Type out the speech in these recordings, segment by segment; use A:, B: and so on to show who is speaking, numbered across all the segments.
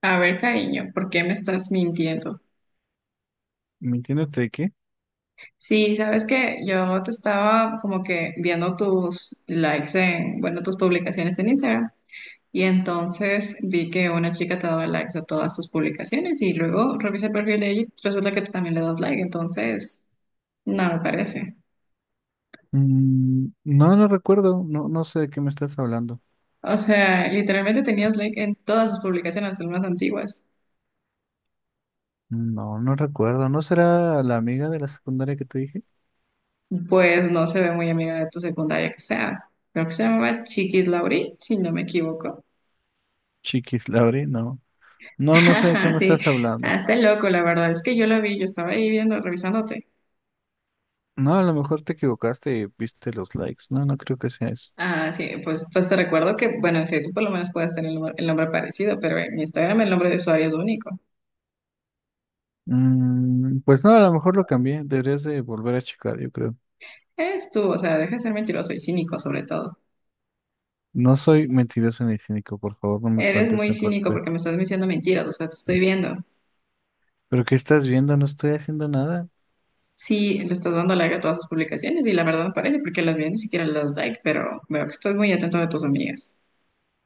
A: A ver, cariño, ¿por qué me estás mintiendo?
B: ¿Mintiéndote de qué?
A: Sí, sabes que yo te estaba como que viendo tus likes en, bueno, tus publicaciones en Instagram y entonces vi que una chica te daba likes a todas tus publicaciones y luego revisé el perfil de ella y resulta que tú también le das like, entonces no me parece.
B: No, no recuerdo. No, no sé de qué me estás hablando.
A: O sea, literalmente tenías like en todas tus publicaciones, hasta las más antiguas.
B: No, no recuerdo. ¿No será la amiga de la secundaria que te dije?
A: Pues no se ve muy amiga de tu secundaria que sea. Creo que se llamaba Chiquis Lauri, si no me equivoco.
B: Chiquis, Lauri, no. No, no sé de qué
A: Ajá,
B: me
A: sí,
B: estás hablando.
A: ah, está loco, la verdad es que yo la vi, yo estaba ahí viendo, revisándote.
B: No, a lo mejor te equivocaste y viste los likes. No, no creo que sea eso.
A: Ah, sí, pues te recuerdo que, bueno, en Facebook por lo menos puedes tener el nombre parecido, pero en Instagram el nombre de usuario es único.
B: Pues no, a lo mejor lo cambié. Deberías de volver a checar, yo creo.
A: Eres tú, o sea, deja de ser mentiroso y cínico sobre todo.
B: No soy mentiroso ni cínico, por favor, no me
A: Eres
B: faltes
A: muy
B: el
A: cínico porque
B: respeto.
A: me estás diciendo mentiras, o sea, te estoy viendo.
B: ¿Pero qué estás viendo? No estoy haciendo nada.
A: Sí, le estás dando like a todas tus publicaciones y la verdad no parece porque las vi ni siquiera las like, pero veo que estás muy atento de tus amigas.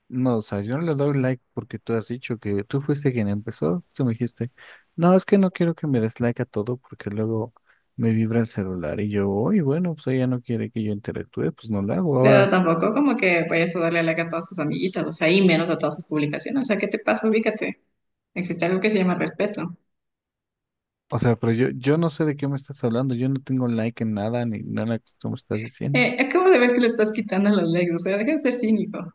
B: No, o sea, yo no le doy like porque tú has dicho que tú fuiste quien empezó. Tú me dijiste, no, es que no quiero que me des like a todo porque luego me vibra el celular. Y yo, uy, bueno, pues ella no quiere que yo interactúe, pues no lo hago.
A: Pero
B: Ahora,
A: tampoco como que vayas a darle like a todas tus amiguitas, o sea, y menos a todas sus publicaciones. O sea, ¿qué te pasa? Ubícate. Existe algo que se llama respeto.
B: o sea, pero yo no sé de qué me estás hablando. Yo no tengo like en nada ni nada que tú me estás diciendo.
A: Acabo de ver que le estás quitando los likes, o sea, deja de ser cínico.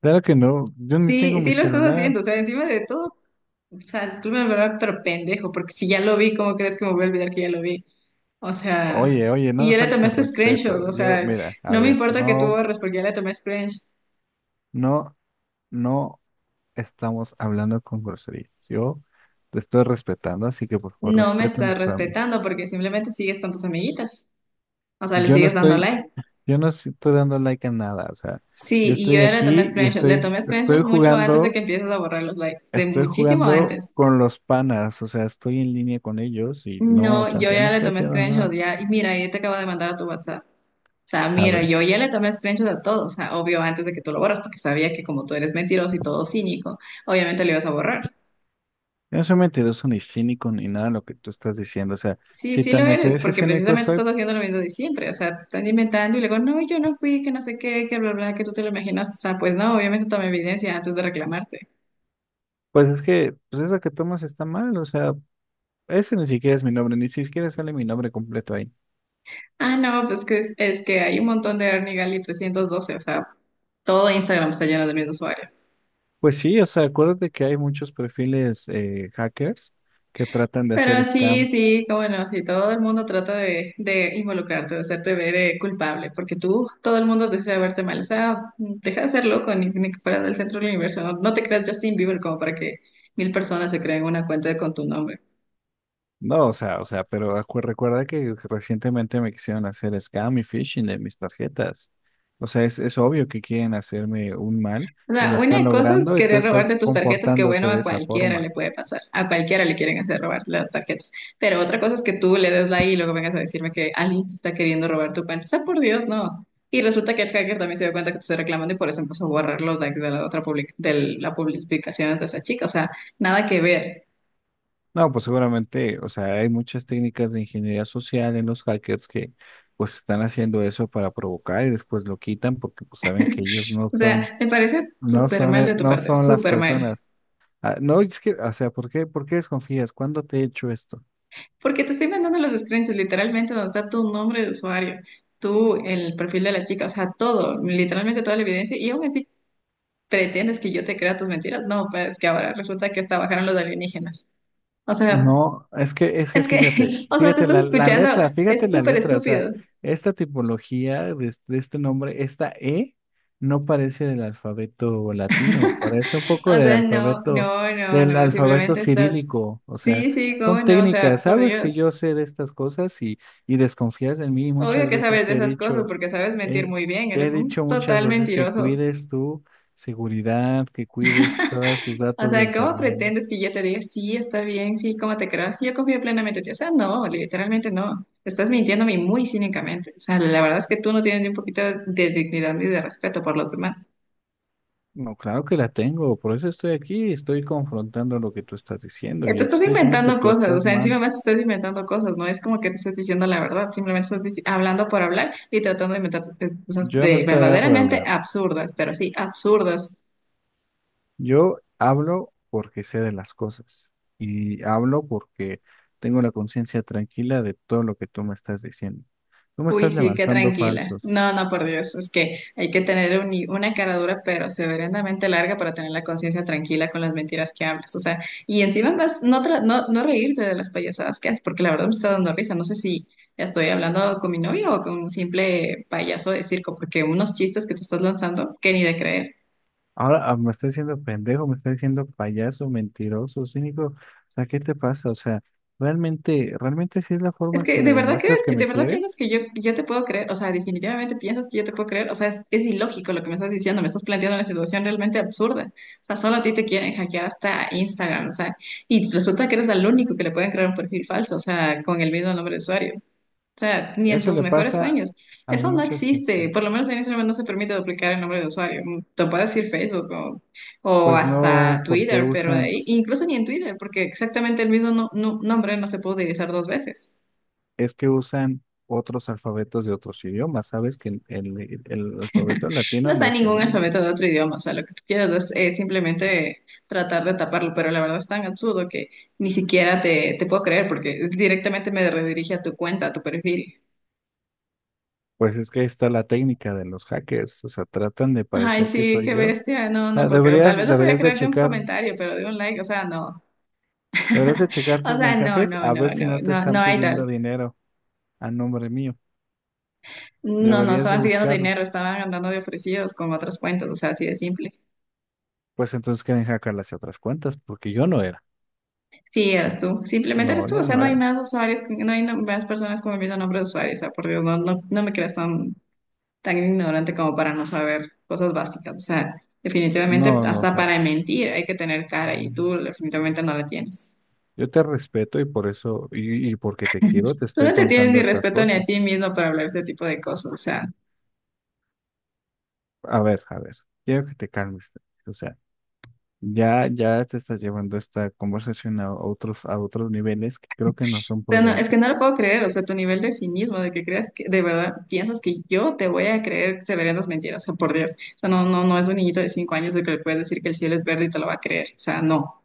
B: Claro que no, yo ni
A: Sí,
B: tengo mi
A: sí lo estás
B: celular.
A: haciendo, o sea, encima de todo, o sea, disculpen la verdad, pero pendejo, porque si ya lo vi, ¿cómo crees que me voy a olvidar que ya lo vi? O sea,
B: Oye, oye, no
A: y
B: me
A: ya le
B: falte
A: tomé
B: el
A: este screenshot,
B: respeto.
A: o
B: Yo,
A: sea,
B: mira, a
A: no me
B: ver,
A: importa que tú
B: no,
A: borres porque ya le tomé screenshot.
B: no, no, estamos hablando con groserías. Yo te estoy respetando, así que por favor,
A: No me estás
B: respétame tú a mí.
A: respetando porque simplemente sigues con tus amiguitas, o sea, le
B: Yo no
A: sigues dando
B: estoy,
A: like.
B: yo no estoy dando like a nada, o sea,
A: Sí,
B: yo
A: y
B: estoy
A: yo ya le tomé
B: aquí y
A: screenshots. Le
B: estoy,
A: tomé screenshots
B: estoy
A: mucho antes de
B: jugando,
A: que empieces a borrar los likes, de
B: estoy
A: muchísimo
B: jugando
A: antes.
B: con los panas, o sea, estoy en línea con ellos y no, o
A: No,
B: sea,
A: yo
B: yo no
A: ya le
B: estoy
A: tomé
B: haciendo
A: screenshot
B: nada.
A: ya. Y mira, yo te acabo de mandar a tu WhatsApp. O sea,
B: A
A: mira,
B: ver,
A: yo ya le tomé screenshot a todo. O sea, obvio, antes de que tú lo borras, porque sabía que como tú eres mentiroso y todo cínico, obviamente lo ibas a borrar.
B: yo no soy mentiroso ni cínico ni nada de lo que tú estás diciendo, o sea,
A: Sí,
B: si
A: sí lo
B: tan
A: eres,
B: mentiroso y
A: porque
B: cínico
A: precisamente
B: soy,
A: estás haciendo lo mismo de siempre. O sea, te están inventando y luego, no, yo no fui, que no sé qué, que bla, bla, que tú te lo imaginas. O sea, pues no, obviamente tomé evidencia antes de reclamarte.
B: pues es que, pues eso que tomas está mal, o sea, ese ni siquiera es mi nombre, ni siquiera sale mi nombre completo ahí.
A: Ah, no, pues que es que hay un montón de Ernie Gali 312, o sea, todo Instagram está lleno del mismo usuario.
B: Pues sí, o sea, acuérdate que hay muchos perfiles hackers que tratan de hacer
A: Pero sí,
B: scam.
A: sí, cómo no, sí, todo el mundo trata de involucrarte, de hacerte ver culpable, porque tú, todo el mundo desea verte mal, o sea, deja de ser loco, ni, ni que fueras del centro del universo, no, no te creas Justin Bieber como para que 1000 personas se creen una cuenta con tu nombre.
B: No, o sea, pero recuerda que recientemente me quisieron hacer scam y phishing de mis tarjetas. O sea, es obvio que quieren hacerme un mal
A: O
B: y
A: sea,
B: lo están
A: una cosa es
B: logrando y tú
A: querer
B: estás
A: robarte tus tarjetas, que bueno,
B: comportándote de
A: a
B: esa
A: cualquiera le
B: forma.
A: puede pasar, a cualquiera le quieren hacer robar las tarjetas, pero otra cosa es que tú le des la I y luego vengas a decirme que alguien te está queriendo robar tu cuenta. O sea, por Dios, no. Y resulta que el hacker también se dio cuenta que te estoy reclamando y por eso empezó a borrar los likes de la otra de la publicación de esa chica. O sea, nada que ver.
B: No, pues seguramente, o sea, hay muchas técnicas de ingeniería social en los hackers que pues están haciendo eso para provocar y después lo quitan porque pues saben que ellos
A: O sea, me parece súper mal de tu
B: no
A: parte,
B: son las
A: súper
B: personas.
A: mal.
B: Ah, no, es que, o sea, por qué desconfías? ¿Cuándo te he hecho esto?
A: Porque te estoy mandando los screenshots, literalmente donde está tu nombre de usuario, tú, el perfil de la chica, o sea, todo, literalmente toda la evidencia, y aún así pretendes que yo te crea tus mentiras. No, pues que ahora resulta que hasta bajaron los alienígenas. O sea,
B: No, es que
A: es que,
B: fíjate,
A: o sea, te
B: fíjate
A: estás
B: la
A: escuchando,
B: letra, fíjate
A: es
B: la
A: súper
B: letra, o sea,
A: estúpido.
B: esta tipología de, de este nombre, esta E, no parece del alfabeto latino, parece un poco
A: O sea, no, no, no,
B: del
A: no,
B: alfabeto
A: simplemente estás,
B: cirílico, o sea,
A: sí, sí, cómo
B: son
A: no, o sea,
B: técnicas,
A: por
B: sabes que
A: Dios.
B: yo sé de estas cosas y desconfías de mí, y
A: Obvio
B: muchas
A: que
B: veces
A: sabes de
B: te he
A: esas cosas
B: dicho.
A: porque sabes mentir
B: Eh,
A: muy bien,
B: Te he
A: eres un
B: dicho muchas
A: total
B: veces que
A: mentiroso.
B: cuides tu seguridad, que cuides todos tus
A: O
B: datos de
A: sea, ¿cómo
B: internet.
A: pretendes que yo te diga, sí, está bien, sí, cómo te creo? Yo confío plenamente en ti. O sea, no, literalmente no. Estás mintiéndome muy cínicamente. O sea, la verdad es que tú no tienes ni un poquito de dignidad ni de respeto por los demás.
B: No, claro que la tengo, por eso estoy aquí, estoy confrontando lo que tú estás diciendo.
A: Te
B: Yo te
A: estás
B: estoy diciendo que
A: inventando
B: tú
A: cosas, o
B: estás
A: sea,
B: mal.
A: encima más te estás inventando cosas, no es como que te estás diciendo la verdad, simplemente estás hablando por hablar y tratando de inventar cosas
B: Yo no
A: de
B: estoy hablando por
A: verdaderamente
B: hablar.
A: absurdas, pero sí, absurdas.
B: Yo hablo porque sé de las cosas y hablo porque tengo la conciencia tranquila de todo lo que tú me estás diciendo. Tú me
A: Uy,
B: estás
A: sí, qué
B: levantando
A: tranquila.
B: falsos.
A: No, no, por Dios, es que hay que tener una cara dura, pero severamente larga para tener la conciencia tranquila con las mentiras que hablas. O sea, y encima más no, no, no reírte de las payasadas que haces, porque la verdad me está dando risa. No sé si estoy hablando con mi novio o con un simple payaso de circo, porque unos chistes que te estás lanzando, que ni de creer.
B: Ahora me está diciendo pendejo, me está diciendo payaso, mentiroso, cínico. O sea, ¿qué te pasa? O sea, realmente, realmente si es la
A: Es
B: forma que me
A: que,
B: demuestras que
A: de
B: me
A: verdad piensas que
B: quieres.
A: yo te puedo creer, o sea, definitivamente piensas que yo te puedo creer, o sea, es ilógico lo que me estás diciendo, me estás planteando una situación realmente absurda, o sea, solo a ti te quieren hackear hasta Instagram, o sea, y resulta que eres el único que le pueden crear un perfil falso, o sea, con el mismo nombre de usuario, o sea, ni en
B: Eso
A: tus
B: le
A: mejores
B: pasa
A: sueños,
B: a
A: eso no
B: muchas
A: existe,
B: personas.
A: por lo menos en Instagram no se permite duplicar el nombre de usuario, te puedes decir Facebook o
B: Pues no,
A: hasta
B: porque
A: Twitter, pero de
B: usan,
A: ahí, incluso ni en Twitter, porque exactamente el mismo nombre no se puede utilizar dos veces.
B: es que usan otros alfabetos de otros idiomas. Sabes que el alfabeto
A: No
B: latino no
A: está
B: es el
A: ningún
B: único.
A: alfabeto de otro idioma, o sea, lo que tú quieras es, simplemente tratar de taparlo, pero la verdad es tan absurdo que ni siquiera te, te puedo creer porque directamente me redirige a tu cuenta, a tu perfil.
B: Pues es que está la técnica de los hackers. O sea, tratan de
A: Ay,
B: parecer que
A: sí,
B: soy
A: qué
B: yo. O
A: bestia, no, no,
B: sea,
A: porque tal
B: deberías,
A: vez lo podía
B: deberías de
A: creer de un
B: checar.
A: comentario, pero de un like, o sea, no.
B: Deberías de checar
A: O
B: tus
A: sea, no,
B: mensajes
A: no,
B: a
A: no,
B: ver si
A: no,
B: no te
A: no, no
B: están
A: hay
B: pidiendo
A: tal.
B: dinero a nombre mío.
A: No, no,
B: Deberías de
A: estaban pidiendo
B: buscarlo.
A: dinero, estaban andando de ofrecidos con otras cuentas, o sea, así de simple.
B: Pues entonces quieren hackear hacia otras cuentas, porque yo no era.
A: Sí,
B: Sí.
A: eres tú. Simplemente eres
B: No,
A: tú. O
B: yo
A: sea,
B: no
A: no hay
B: era.
A: más usuarios, no hay más personas con el mismo nombre de usuario. O sea, por Dios, no, no, no me creas tan, tan ignorante como para no saber cosas básicas. O sea, definitivamente
B: No, no, o
A: hasta
B: sea,
A: para mentir hay que tener cara y tú definitivamente no la tienes.
B: yo te respeto y por eso, y porque te quiero, te
A: Tú
B: estoy
A: no te tienes
B: contando
A: ni
B: estas
A: respeto ni a
B: cosas.
A: ti mismo para hablar ese tipo de cosas.
B: A ver, quiero que te calmes. O sea, ya, ya te estás llevando esta conversación a otros niveles que creo que no son
A: O sea, es que
B: prudentes.
A: no lo puedo creer. O sea, tu nivel de cinismo, de que creas que de verdad piensas que yo te voy a creer severas mentiras. O sea, por Dios. O sea, no, no, no es un niñito de 5 años el que le puedes decir que el cielo es verde y te lo va a creer. O sea, no.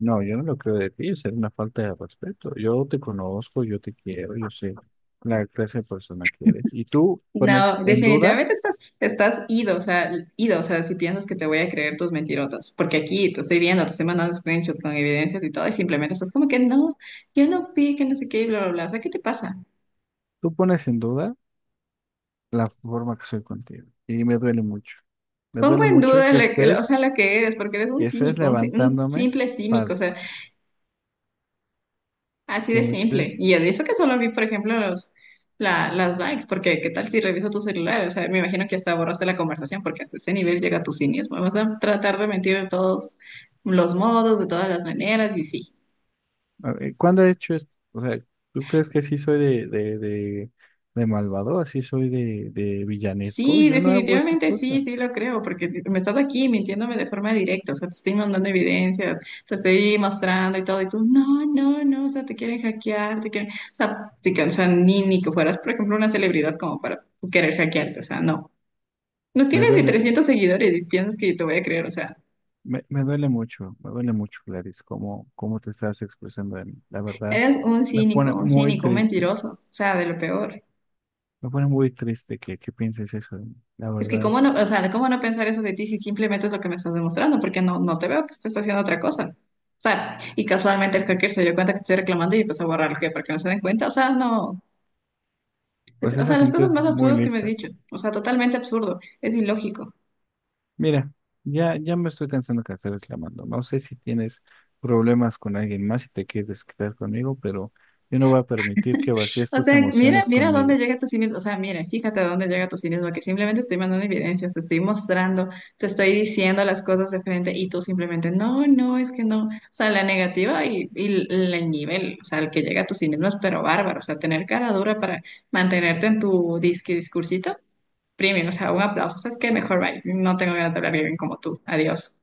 B: No, yo no lo creo de ti, es una falta de respeto. Yo te conozco, yo te quiero, yo sé la clase de persona que eres. Y
A: No, definitivamente estás, estás ido, o sea, si piensas que te voy a creer tus mentirotas, porque aquí te estoy viendo, te estoy mandando screenshots con evidencias y todo, y simplemente estás como que no, yo no fui, que no sé qué, y bla, bla, bla, o sea, ¿qué te pasa?
B: tú pones en duda la forma que soy contigo. Y me duele mucho. Me
A: Pongo
B: duele
A: en
B: mucho
A: duda, o sea, la que eres, porque eres un
B: que estés
A: cínico, un
B: levantándome
A: simple cínico,
B: falsos.
A: así
B: Que
A: de
B: me
A: simple.
B: estés.
A: Y de eso que solo vi, por ejemplo, los, las likes, porque qué tal si reviso tu celular, o sea, me imagino que hasta borraste la conversación, porque hasta ese nivel llega tu cinismo. Vamos a tratar de mentir de todos los modos, de todas las maneras, y sí.
B: A ver, ¿cuándo he hecho esto? O sea, ¿tú crees que sí soy de malvado? ¿Así soy de villanesco?
A: Sí,
B: Yo no hago esas
A: definitivamente sí,
B: cosas.
A: sí lo creo, porque me estás aquí mintiéndome de forma directa, o sea, te estoy mandando evidencias, te estoy mostrando y todo, y tú, no, no, no, o sea, te quieren hackear, te quieren, o sea, te cansan ni, ni que fueras, por ejemplo, una celebridad como para querer hackearte, o sea, no. No
B: Me
A: tienes ni
B: duele.
A: 300 seguidores y piensas que te voy a creer, o sea,
B: Me duele mucho, me duele mucho, Gladys, cómo, cómo te estás expresando de mí. La verdad,
A: eres un
B: me pone
A: cínico, un
B: muy
A: cínico, un
B: triste,
A: mentiroso, o sea, de lo peor.
B: me pone muy triste que pienses eso de mí. La
A: Es que
B: verdad,
A: cómo no, o sea, cómo no pensar eso de ti si simplemente es lo que me estás demostrando, porque no, no te veo que estés haciendo otra cosa. O sea, y casualmente el hacker se dio cuenta que te estoy reclamando y empezó a borrar el que para que no se den cuenta. O sea, no.
B: pues
A: O
B: esa
A: sea, las
B: gente
A: cosas
B: es
A: más
B: muy
A: absurdas que me has
B: lista.
A: dicho. O sea, totalmente absurdo. Es ilógico.
B: Mira, ya, ya me estoy cansando que estés reclamando. No sé si tienes problemas con alguien más y te quieres desquitar conmigo, pero yo no voy a permitir que vacíes
A: O
B: tus
A: sea, mira,
B: emociones
A: mira
B: conmigo.
A: dónde llega tu cinismo. O sea, mira, fíjate dónde llega tu cinismo, que simplemente estoy mandando evidencias, te estoy mostrando, te estoy diciendo las cosas de frente y tú simplemente, no, no, es que no. O sea, la negativa y el nivel, o sea, el que llega a tu cinismo es pero bárbaro. O sea, tener cara dura para mantenerte en tu disque discursito, premium, o sea, un aplauso. O sea, es que mejor, bye. No tengo ganas de hablar bien como tú. Adiós.